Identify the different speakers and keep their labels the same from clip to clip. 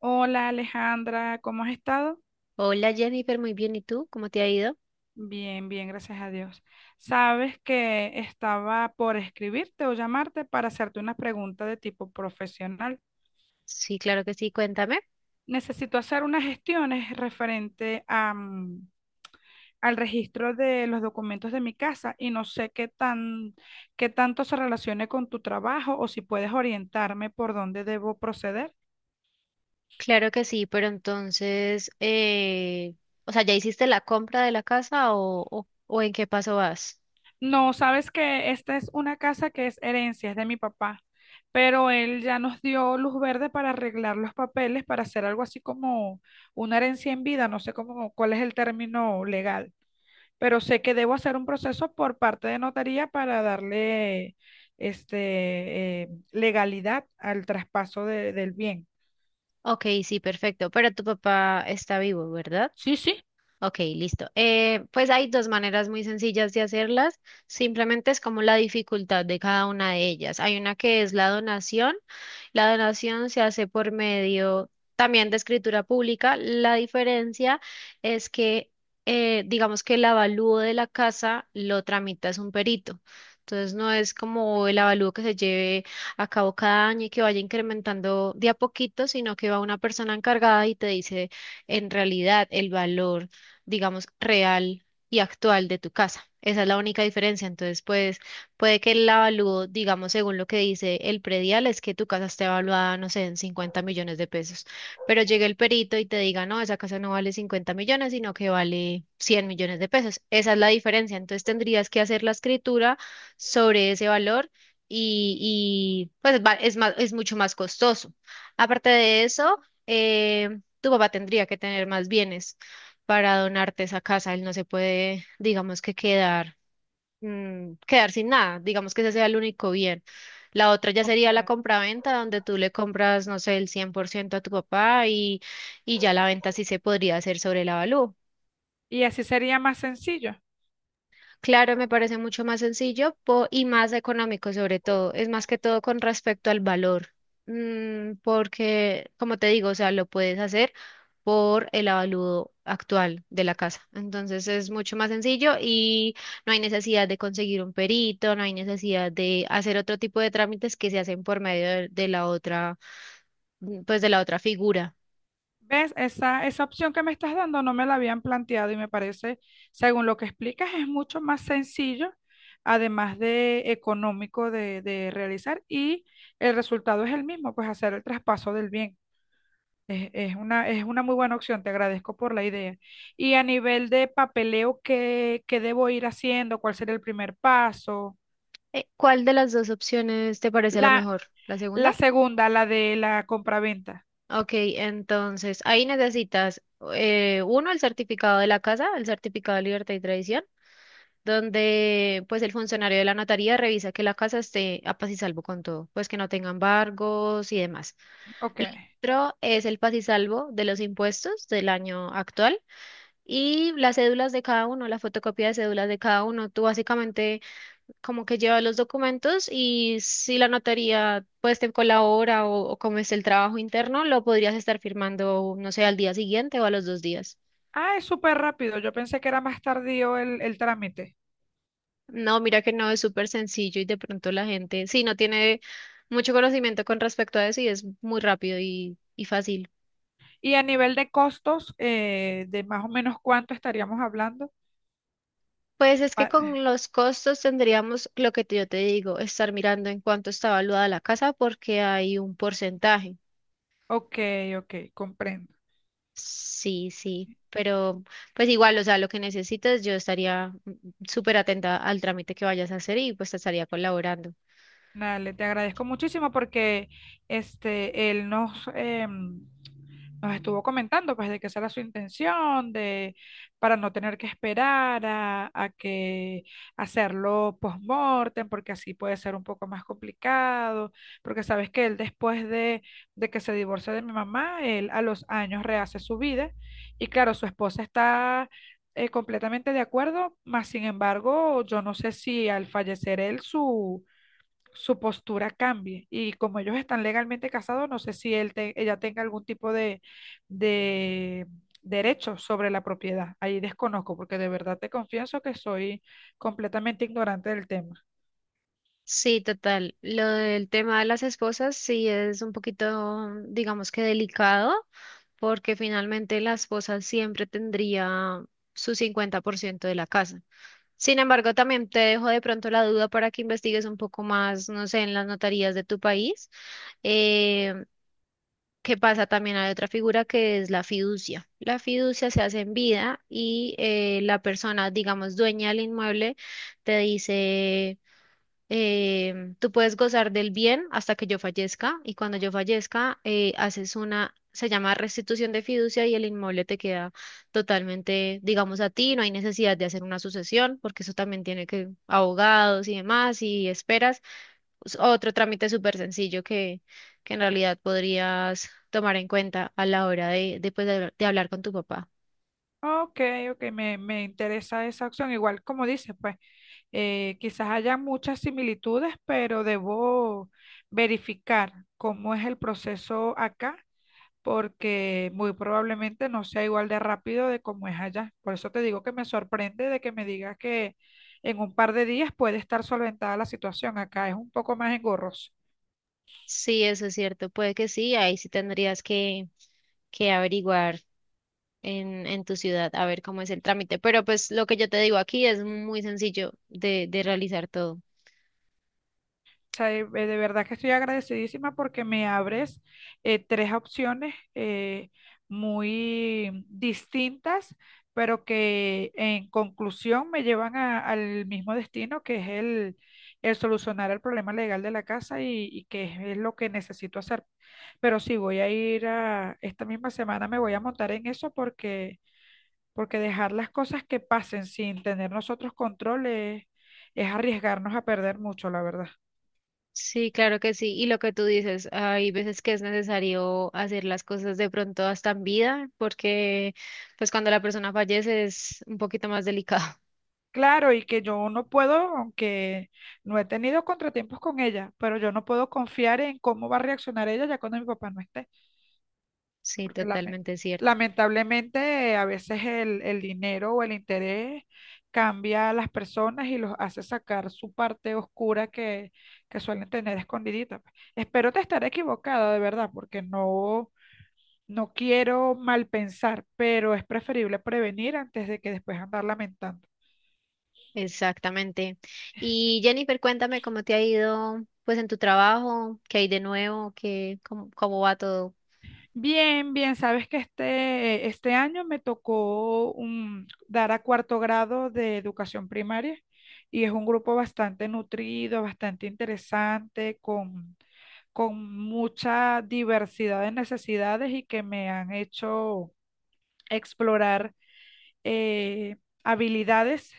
Speaker 1: Hola Alejandra, ¿cómo has estado?
Speaker 2: Hola Jennifer, muy bien. ¿Y tú? ¿Cómo te ha ido?
Speaker 1: Bien, bien, gracias a Dios. Sabes que estaba por escribirte o llamarte para hacerte una pregunta de tipo profesional.
Speaker 2: Sí, claro que sí, cuéntame.
Speaker 1: Necesito hacer unas gestiones referente a al registro de los documentos de mi casa y no sé qué qué tanto se relacione con tu trabajo o si puedes orientarme por dónde debo proceder.
Speaker 2: Claro que sí, pero entonces, o sea, ¿ya hiciste la compra de la casa o en qué paso vas?
Speaker 1: No, sabes que esta es una casa que es herencia, es de mi papá, pero él ya nos dio luz verde para arreglar los papeles, para hacer algo así como una herencia en vida, no sé cómo, cuál es el término legal, pero sé que debo hacer un proceso por parte de notaría para darle legalidad al traspaso del bien.
Speaker 2: Ok, sí, perfecto. Pero tu papá está vivo, ¿verdad?
Speaker 1: Sí, sí.
Speaker 2: Ok, listo. Pues hay dos maneras muy sencillas de hacerlas. Simplemente es como la dificultad de cada una de ellas. Hay una que es la donación. La donación se hace por medio también de escritura pública. La diferencia es que, digamos que el avalúo de la casa lo tramita es un perito. Entonces no es como el avalúo que se lleve a cabo cada año y que vaya incrementando de a poquito, sino que va una persona encargada y te dice en realidad el valor, digamos, real y actual de tu casa. Esa es la única diferencia. Entonces, pues puede que el avalúo, digamos, según lo que dice el predial, es que tu casa esté evaluada, no sé, en 50 millones de pesos. Pero llegue el perito y te diga, no, esa casa no vale 50 millones, sino que vale 100 millones de pesos. Esa es la diferencia. Entonces, tendrías que hacer la escritura sobre ese valor. Pues es más, es mucho más costoso. Aparte de eso, tu papá tendría que tener más bienes para donarte esa casa. Él no se puede, digamos, que quedar sin nada. Digamos que ese sea el único bien. La otra ya
Speaker 1: Ok.
Speaker 2: sería la compraventa, donde tú le compras, no sé, el 100% a tu papá y ya la venta sí se podría hacer sobre el avalúo.
Speaker 1: Y así sería más sencillo.
Speaker 2: Claro, me parece mucho más sencillo y más económico sobre todo. Es más que todo con respecto al valor. Porque como te digo, o sea, lo puedes hacer por el avalúo actual de la casa. Entonces es mucho más sencillo y no hay necesidad de conseguir un perito, no hay necesidad de hacer otro tipo de trámites que se hacen por medio de la otra, pues de la otra figura.
Speaker 1: ¿Ves? Esa opción que me estás dando no me la habían planteado y me parece, según lo que explicas, es mucho más sencillo, además de económico de realizar y el resultado es el mismo, pues hacer el traspaso del bien. Es una muy buena opción, te agradezco por la idea. Y a nivel de papeleo, ¿qué debo ir haciendo? ¿Cuál sería el primer paso?
Speaker 2: ¿Cuál de las dos opciones te parece la
Speaker 1: La,
Speaker 2: mejor? ¿La
Speaker 1: la
Speaker 2: segunda?
Speaker 1: segunda, la de la compraventa.
Speaker 2: Ok, entonces ahí necesitas, uno, el certificado de la casa, el certificado de libertad y tradición, donde pues el funcionario de la notaría revisa que la casa esté a paz y salvo con todo, pues que no tenga embargos y demás.
Speaker 1: Ok.
Speaker 2: Lo otro es el paz y salvo de los impuestos del año actual y las cédulas de cada uno, la fotocopia de cédulas de cada uno. Tú básicamente como que lleva los documentos y si la notaría pues te colabora o como es el trabajo interno, lo podrías estar firmando, no sé, al día siguiente o a los 2 días.
Speaker 1: Ah, es súper rápido. Yo pensé que era más tardío el trámite.
Speaker 2: No, mira que no es súper sencillo y de pronto la gente, sí, no tiene mucho conocimiento con respecto a eso y es muy rápido y fácil.
Speaker 1: Y a nivel de costos, de más o menos cuánto estaríamos hablando.
Speaker 2: Pues es que
Speaker 1: Ah,
Speaker 2: con los costos tendríamos, lo que yo te digo, estar mirando en cuánto está valuada la casa porque hay un porcentaje.
Speaker 1: ok, ok, comprendo.
Speaker 2: Sí, sí, pero pues igual, o sea, lo que necesites, yo estaría súper atenta al trámite que vayas a hacer y pues te estaría colaborando.
Speaker 1: Dale, te agradezco muchísimo porque este, él nos, em, nos estuvo comentando pues de que esa era su intención, de para no tener que esperar a que hacerlo post-mortem, porque así puede ser un poco más complicado, porque sabes que él después de que se divorcia de mi mamá, él a los años rehace su vida y claro, su esposa está completamente de acuerdo, mas sin embargo, yo no sé si al fallecer él su postura cambie. Y como ellos están legalmente casados, no sé si ella tenga algún tipo de derecho sobre la propiedad. Ahí desconozco, porque de verdad te confieso que soy completamente ignorante del tema.
Speaker 2: Sí, total. Lo del tema de las esposas sí es un poquito, digamos, que delicado, porque finalmente la esposa siempre tendría su 50% de la casa. Sin embargo, también te dejo de pronto la duda para que investigues un poco más, no sé, en las notarías de tu país. eh, ¿Qué pasa? También hay otra figura que es la fiducia. La fiducia se hace en vida y, la persona, digamos, dueña del inmueble, te dice, tú puedes gozar del bien hasta que yo fallezca y cuando yo fallezca, haces una, se llama restitución de fiducia, y el inmueble te queda totalmente, digamos, a ti. No hay necesidad de hacer una sucesión porque eso también tiene que abogados y demás y esperas, otro trámite súper sencillo que en realidad podrías tomar en cuenta a la hora pues de hablar con tu papá.
Speaker 1: Ok, ok, me interesa esa opción. Igual como dices, pues quizás haya muchas similitudes, pero debo verificar cómo es el proceso acá porque muy probablemente no sea igual de rápido de como es allá. Por eso te digo que me sorprende de que me digas que en un par de días puede estar solventada la situación. Acá es un poco más engorroso.
Speaker 2: Sí, eso es cierto, puede que sí, ahí sí tendrías que averiguar en tu ciudad a ver cómo es el trámite, pero pues lo que yo te digo aquí es muy sencillo de realizar todo.
Speaker 1: Sea, de verdad que estoy agradecidísima porque me abres tres opciones muy distintas, pero que en conclusión me llevan al mismo destino, que es el solucionar el problema legal de la casa y que es lo que necesito hacer. Pero sí, voy a ir a, esta misma semana me voy a montar en eso, porque porque dejar las cosas que pasen sin tener nosotros control es arriesgarnos a perder mucho, la verdad.
Speaker 2: Sí, claro que sí. Y lo que tú dices, hay veces que es necesario hacer las cosas de pronto hasta en vida, porque pues cuando la persona fallece es un poquito más delicado.
Speaker 1: Claro, y que yo no puedo, aunque no he tenido contratiempos con ella, pero yo no puedo confiar en cómo va a reaccionar ella ya cuando mi papá no esté,
Speaker 2: Sí,
Speaker 1: porque
Speaker 2: totalmente cierto.
Speaker 1: lamentablemente a veces el dinero o el interés cambia a las personas y los hace sacar su parte oscura que suelen tener escondidita. Pues espero te estar equivocada, de verdad, porque no, no quiero mal pensar, pero es preferible prevenir antes de que después andar lamentando.
Speaker 2: Exactamente. Y Jennifer, cuéntame cómo te ha ido pues en tu trabajo, qué hay de nuevo, cómo va todo.
Speaker 1: Bien, bien, sabes que este año me tocó dar a cuarto grado de educación primaria y es un grupo bastante nutrido, bastante interesante, con mucha diversidad de necesidades y que me han hecho explorar eh, habilidades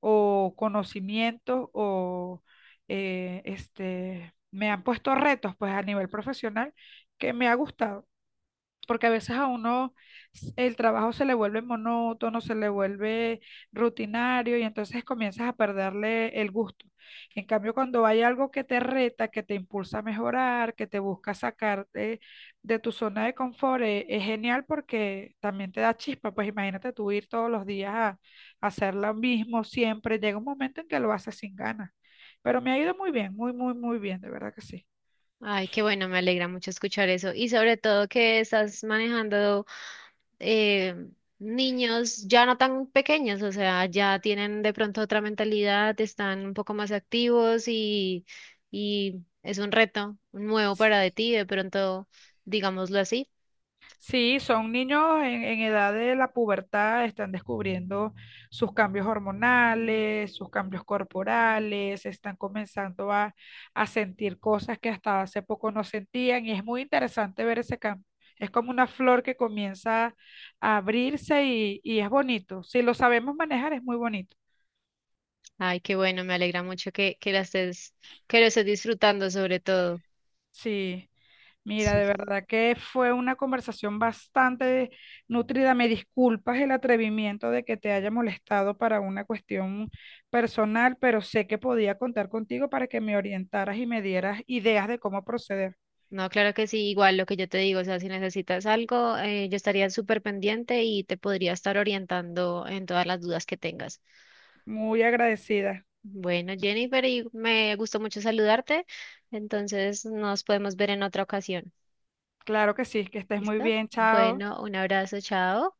Speaker 1: o conocimientos me han puesto retos pues a nivel profesional que me ha gustado porque a veces a uno el trabajo se le vuelve monótono, se le vuelve rutinario y entonces comienzas a perderle el gusto. En cambio, cuando hay algo que te reta, que te impulsa a mejorar, que te busca sacarte de tu zona de confort, es genial porque también te da chispa. Pues imagínate tú ir todos los días a hacer lo mismo siempre. Llega un momento en que lo haces sin ganas. Pero me ha ido muy bien, muy, muy, muy bien, de verdad que sí.
Speaker 2: Ay, qué bueno, me alegra mucho escuchar eso. Y sobre todo que estás manejando, eh, niños ya no tan pequeños, o sea, ya tienen de pronto otra mentalidad, están un poco más activos, y es un reto nuevo para de ti, de pronto, digámoslo así.
Speaker 1: Sí, son niños en edad de la pubertad, están descubriendo sus cambios hormonales, sus cambios corporales, están comenzando a sentir cosas que hasta hace poco no sentían y es muy interesante ver ese cambio. Es como una flor que comienza a abrirse y es bonito. Si lo sabemos manejar, es muy bonito.
Speaker 2: Ay, qué bueno, me alegra mucho que, que lo estés disfrutando sobre todo.
Speaker 1: Sí, mira,
Speaker 2: Sí.
Speaker 1: de verdad que fue una conversación bastante nutrida. Me disculpas el atrevimiento de que te haya molestado para una cuestión personal, pero sé que podía contar contigo para que me orientaras y me dieras ideas de cómo proceder.
Speaker 2: No, claro que sí, igual lo que yo te digo, o sea, si necesitas algo, yo estaría súper pendiente y te podría estar orientando en todas las dudas que tengas.
Speaker 1: Muy agradecida.
Speaker 2: Bueno, Jennifer, y me gustó mucho saludarte, entonces nos podemos ver en otra ocasión.
Speaker 1: Claro que sí, que estés muy
Speaker 2: ¿Listo?
Speaker 1: bien, chao.
Speaker 2: Bueno, un abrazo, chao.